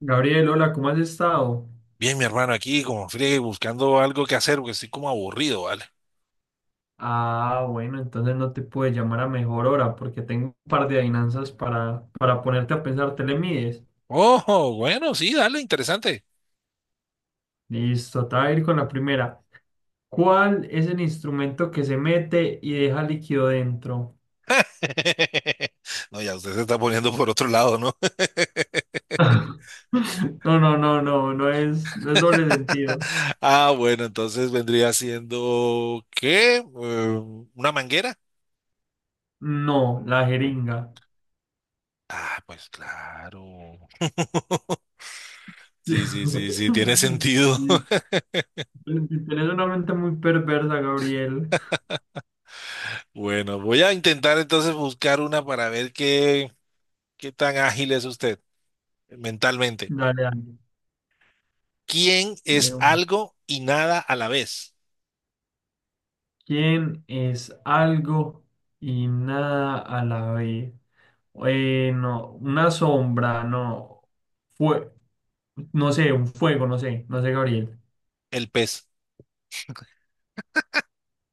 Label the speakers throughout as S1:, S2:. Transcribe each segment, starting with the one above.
S1: Gabriel, hola, ¿cómo has estado?
S2: Bien, mi hermano, aquí como friegue buscando algo que hacer porque estoy como aburrido, ¿vale?
S1: Ah, bueno, entonces no te puedo llamar a mejor hora porque tengo un par de adivinanzas para ponerte a pensar. ¿Te le mides?
S2: Oh, bueno, sí, dale, interesante.
S1: Listo, te voy a ir con la primera. ¿Cuál es el instrumento que se mete y deja líquido dentro?
S2: No, ya usted se está poniendo por otro lado, ¿no?
S1: No, no, no, no, no es, no es doble sentido.
S2: Ah, bueno, entonces vendría siendo, ¿qué? ¿Una manguera?
S1: No, la jeringa.
S2: Ah, pues claro.
S1: Sí.
S2: Sí, sí, sí, sí, tiene sentido.
S1: Sí, tienes una mente muy perversa, Gabriel.
S2: Bueno, voy a intentar entonces buscar una para ver qué tan ágil es usted mentalmente.
S1: Dale, dale.
S2: ¿Quién es
S1: Digo.
S2: algo y nada a la vez?
S1: ¿Quién es algo y nada a la vez? No, una sombra, no. Fue, no sé, un fuego, no sé, no sé, Gabriel.
S2: El pez.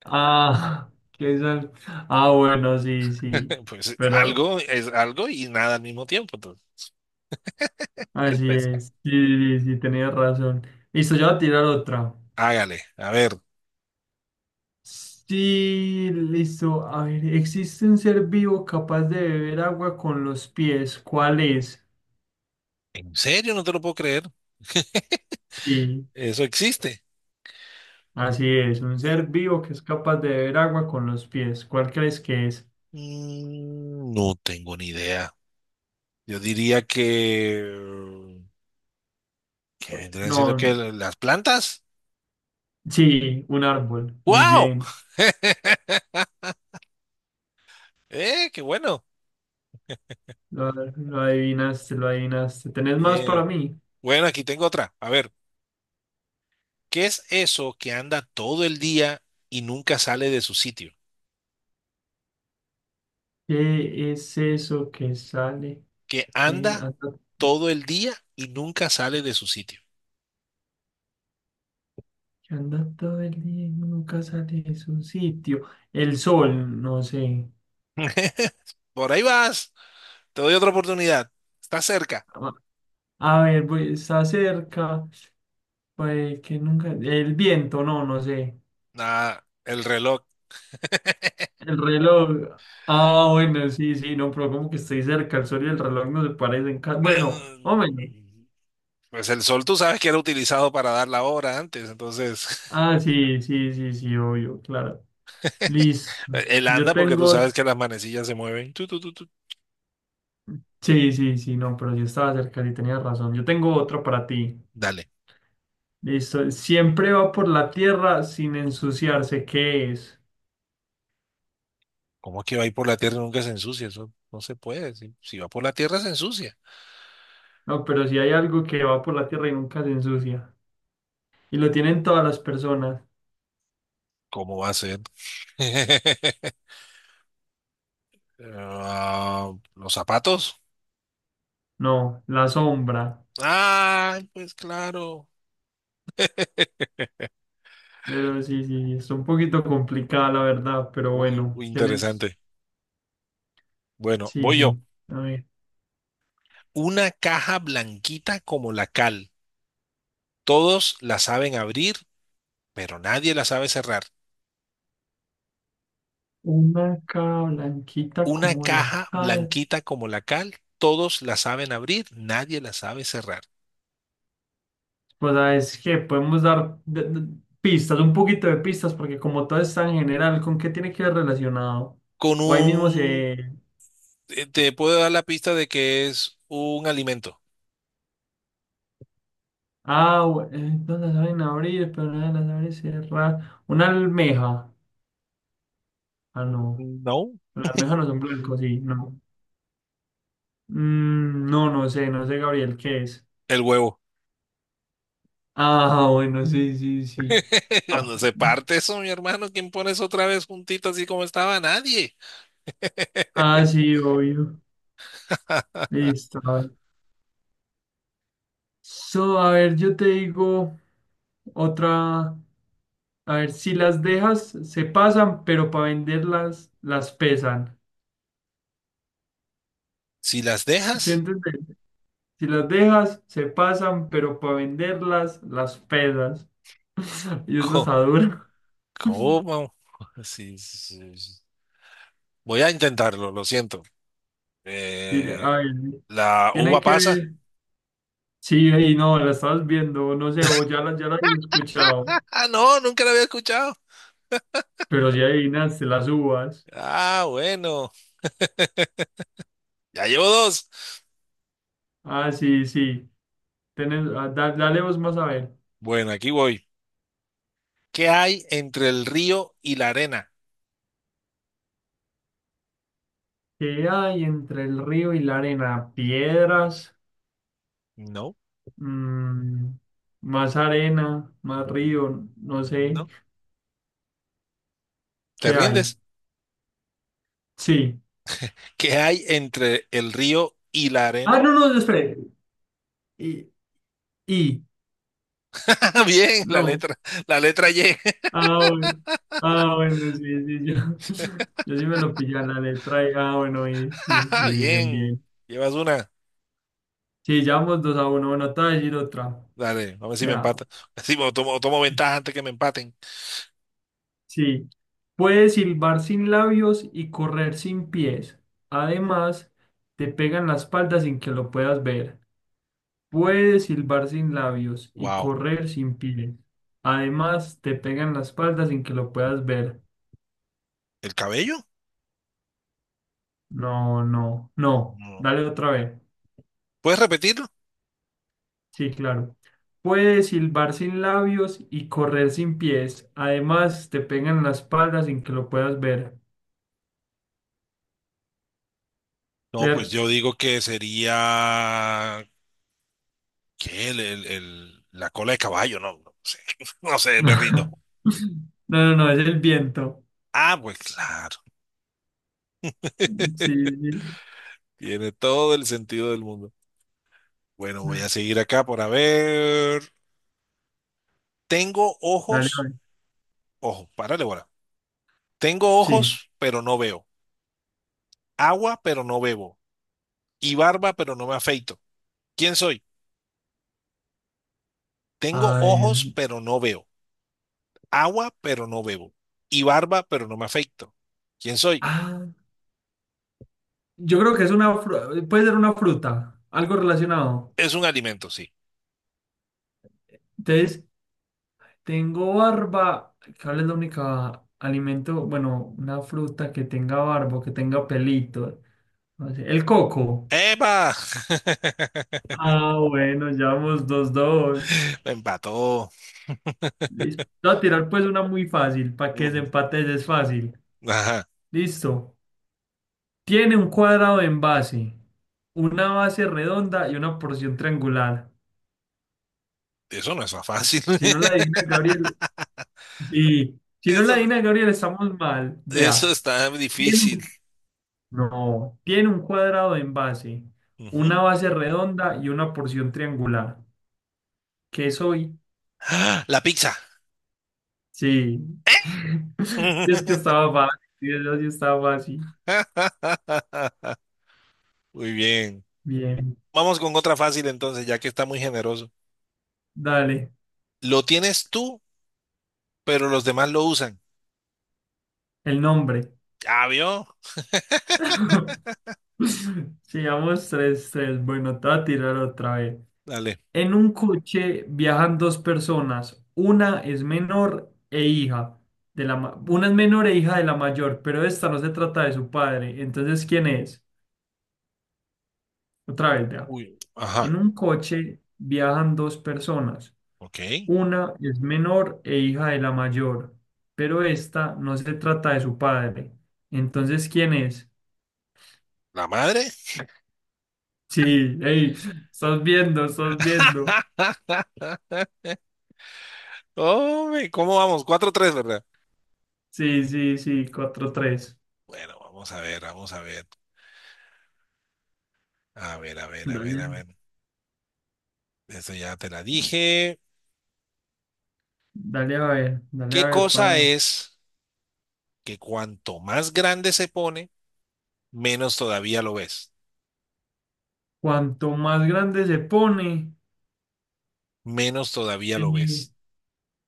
S1: Ah, Ah, bueno, sí, sí.
S2: Pues
S1: Pero
S2: algo es algo y nada al mismo tiempo, entonces, el
S1: así
S2: pez.
S1: es. Sí, sí, sí, tenías razón. Listo, ya voy a tirar otra.
S2: Hágale, a ver.
S1: Sí, listo. A ver, ¿existe un ser vivo capaz de beber agua con los pies? ¿Cuál es?
S2: ¿En serio? No te lo puedo creer.
S1: Sí.
S2: Eso existe.
S1: Así es, un
S2: U-
S1: ser vivo que es capaz de beber agua con los pies. ¿Cuál crees que es?
S2: No tengo ni idea. Yo diría que... ¿que vendrían siendo que
S1: No,
S2: las plantas?
S1: sí, un árbol. Muy
S2: ¡Wow!
S1: bien.
S2: ¡Eh, qué bueno!
S1: Lo adivinaste, lo adivinaste. ¿Tenés más
S2: Bien.
S1: para mí?
S2: Bueno, aquí tengo otra. A ver, ¿qué es eso que anda todo el día y nunca sale de su sitio?
S1: ¿Qué es eso que sale,
S2: Que
S1: que
S2: anda
S1: anda,
S2: todo el día y nunca sale de su sitio.
S1: ¿Que anda todo el día y nunca sale de su sitio? El sol, no sé.
S2: Por ahí vas, te doy otra oportunidad, estás cerca.
S1: A a ver, pues, está cerca. Pues que nunca. El viento, no, no sé.
S2: Nada, el reloj.
S1: El reloj. Ah, bueno, sí, sí, no, pero como que estoy cerca, el sol y el reloj no se parecen. Bueno, o
S2: em,
S1: menos.
S2: Pues el sol tú sabes que era utilizado para dar la hora antes, entonces
S1: Ah, sí, sí, sí, sí, obvio, claro. Listo.
S2: él
S1: Yo
S2: anda porque tú
S1: tengo.
S2: sabes que las manecillas se mueven. Tú.
S1: Sí, sí, sí, no, pero sí estaba cerca, sí tenía razón. Yo tengo otro para ti.
S2: Dale.
S1: Listo. Siempre va por la tierra sin ensuciarse. ¿Qué es?
S2: ¿Cómo es que va a ir por la tierra y nunca se ensucia? Eso no se puede. Si va por la tierra se ensucia.
S1: No, pero si hay algo que va por la tierra y nunca se ensucia. Y lo tienen todas las personas.
S2: ¿Cómo va a ser? Ah, los zapatos.
S1: No, la sombra.
S2: Ay, pues claro.
S1: Pero sí, sí, sí, está un poquito complicada la verdad, pero
S2: Muy
S1: bueno,
S2: muy
S1: tienes,
S2: interesante. Bueno,
S1: sí,
S2: voy yo.
S1: sí, a ver,
S2: Una caja blanquita como la cal. Todos la saben abrir, pero nadie la sabe cerrar.
S1: una cara blanquita
S2: Una
S1: como la
S2: caja
S1: cal.
S2: blanquita como la cal. Todos la saben abrir, nadie la sabe cerrar.
S1: Pues sabes que podemos dar pistas, un poquito de pistas, porque como todo está en general, ¿con qué tiene que ver relacionado?
S2: Con
S1: O ahí mismo
S2: un...
S1: se...
S2: te puedo dar la pista de que es un alimento.
S1: No la saben abrir, pero no la saben cerrar. Una almeja. Ah, no.
S2: No.
S1: Las almejas no son blancos, sí, no. Mm, no, no sé, no sé, Gabriel, ¿qué es?
S2: El huevo.
S1: Ah, bueno, sí, sí, sí. Ah,
S2: Cuando se parte eso, mi hermano, ¿quién pones otra vez juntito así como estaba? Nadie.
S1: ah, sí, obvio. Listo, a ver. So, a ver, yo te digo otra. A ver, si las dejas, se pasan, pero para venderlas, las pesan.
S2: Si las
S1: ¿Sí
S2: dejas,
S1: entiendes? Si las dejas, se pasan, pero para venderlas, las pesas. Y esa
S2: co-
S1: está dura.
S2: ¿cómo? Sí, sí, sí. Voy a intentarlo, lo siento.
S1: Y, a
S2: Eh,
S1: ver,
S2: ¿La
S1: tiene
S2: uva
S1: que
S2: pasa?
S1: ver. Sí, ahí no, la estabas viendo, no sé, o ya la he escuchado.
S2: Ah, no, nunca la había escuchado.
S1: Pero si adivinaste las uvas.
S2: Ah, bueno, ya llevo dos.
S1: Ah, sí, sí. Tenés, ah, dale vos más a ver.
S2: Bueno, aquí voy. ¿Qué hay entre el río y la arena?
S1: ¿Qué hay entre el río y la arena? Piedras,
S2: No,
S1: mm, más arena, más
S2: mm,
S1: río, no sé.
S2: no, ¿te
S1: ¿Qué hay?
S2: rindes?
S1: Sí.
S2: ¿Qué hay entre el río y la
S1: Ah,
S2: arena?
S1: no, no, espere. Y, y,
S2: Ah, bien,
S1: no.
S2: la letra Y.
S1: Ah, bueno. Ah, bueno, sí, sí, yo, yo sí me lo pillé a la letra. Ah, bueno, y bien,
S2: Bien,
S1: bien.
S2: llevas una.
S1: Sí, llevamos 2-1. Bueno, te voy a decir otra.
S2: Dale, a ver si me
S1: Vea,
S2: empata. Si tomo ventaja antes que me empaten.
S1: sí, puedes silbar sin labios y correr sin pies. Además, te pegan la espalda sin que lo puedas ver. Puedes silbar sin labios y
S2: Wow.
S1: correr sin pies. Además, te pegan la espalda sin que lo puedas ver.
S2: ¿El cabello?
S1: No, no, no.
S2: No.
S1: Dale otra vez.
S2: ¿Puedes repetirlo?
S1: Sí, claro. Puedes silbar sin labios y correr sin pies. Además, te pegan la espalda sin que lo puedas ver.
S2: No, pues
S1: Ter-
S2: yo digo que sería... ¿Qué? La cola de caballo, no, no sé. No sé, me rindo.
S1: No, no, no, es el viento.
S2: Ah, pues claro.
S1: Sí, sí.
S2: Tiene todo el sentido del mundo. Bueno, voy a
S1: Da-
S2: seguir acá por a ver. Tengo
S1: Dale,
S2: ojos.
S1: vale.
S2: Ojo, párale, bola. Tengo
S1: Sí.
S2: ojos, pero no veo. Agua, pero no bebo. Y barba, pero no me afeito. ¿Quién soy? Tengo
S1: A
S2: ojos,
S1: ver.
S2: pero no veo, agua, pero no bebo, y barba, pero no me afecto. ¿Quién soy?
S1: Ah, yo creo que es una fruta. Puede ser una fruta. Algo relacionado.
S2: Es un alimento, sí.
S1: Entonces, tengo barba. ¿Cuál es la única alimento? Bueno, una fruta que tenga barba, o que tenga pelito. No sé, el coco.
S2: ¡Epa!
S1: Ah, bueno, ya vamos dos, dos.
S2: Me empató.
S1: Listo. Voy a tirar pues una muy fácil. Para que
S2: Ujú.
S1: desempates es fácil.
S2: Ajá.
S1: Listo. Tiene un cuadrado en base, una base redonda y una porción triangular.
S2: Eso no es tan fácil.
S1: Si no la adivina Gabriel, sí. Si no la
S2: Eso, no-
S1: adivina Gabriel, estamos mal.
S2: eso
S1: Vea,
S2: está
S1: tiene
S2: difícil.
S1: un- no, tiene un cuadrado en base, una
S2: Ujú.
S1: base redonda y una porción triangular. ¿Qué soy?
S2: ¡Ah! La pizza.
S1: Sí, sí. Es que estaba fácil, yo sí estaba fácil.
S2: Muy bien.
S1: Bien,
S2: Vamos con otra fácil entonces, ya que está muy generoso.
S1: dale,
S2: Lo tienes tú, pero los demás lo usan.
S1: el nombre.
S2: ¿Ya vio?
S1: Sigamos tres, tres. Bueno, te voy a tirar otra vez.
S2: Dale.
S1: En un coche viajan dos personas. Una es menor e hija de la mayor, pero esta no se trata de su padre. Entonces, ¿quién es? Otra vez, vea.
S2: Uy. Ajá.
S1: En un coche viajan dos personas.
S2: Ok.
S1: Una es menor e hija de la mayor, pero esta no se trata de su padre. Entonces, ¿quién es?
S2: ¿La madre?
S1: Sí, hey, estás viendo, estás viendo.
S2: Hombre, ¿cómo vamos? 4-3, ¿verdad?
S1: Sí, sí, sí, 4-3.
S2: Bueno, vamos a ver, vamos a ver. A ver, a ver, a ver, a
S1: Dale,
S2: ver. Esto ya te la dije.
S1: dale a
S2: ¿Qué
S1: ver,
S2: cosa
S1: pa.
S2: es que cuanto más grande se pone, menos todavía lo ves?
S1: Cuanto más grande se pone,
S2: Menos todavía lo
S1: eh,
S2: ves.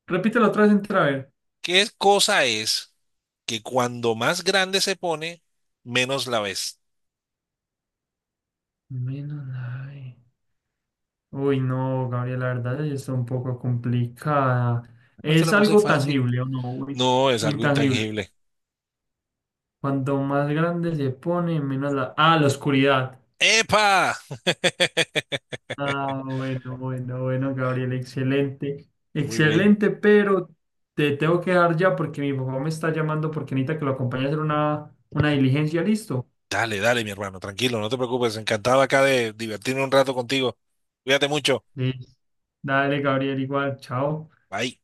S1: repítelo otra vez entra a ver.
S2: ¿Qué cosa es que cuando más grande se pone, menos la ves?
S1: Menos nave. Uy, no, Gabriel, la verdad sí está un poco complicada.
S2: No te
S1: ¿Es
S2: la puse
S1: algo
S2: fácil.
S1: tangible o no? Uy,
S2: No, es
S1: o
S2: algo
S1: intangible.
S2: intangible.
S1: Cuanto más grande se pone, menos la... Ah, la oscuridad.
S2: ¡Epa!
S1: Ah, bueno, bueno, bueno, Gabriel, excelente.
S2: Muy bien.
S1: Excelente, pero te tengo que dejar ya porque mi papá me está llamando porque necesita que lo acompañe a hacer una diligencia, ¿listo?
S2: Dale, dale, mi hermano, tranquilo, no te preocupes, encantado acá de divertirme un rato contigo. Cuídate mucho.
S1: Listo. Dale, Gabriel, igual. Chao.
S2: Bye.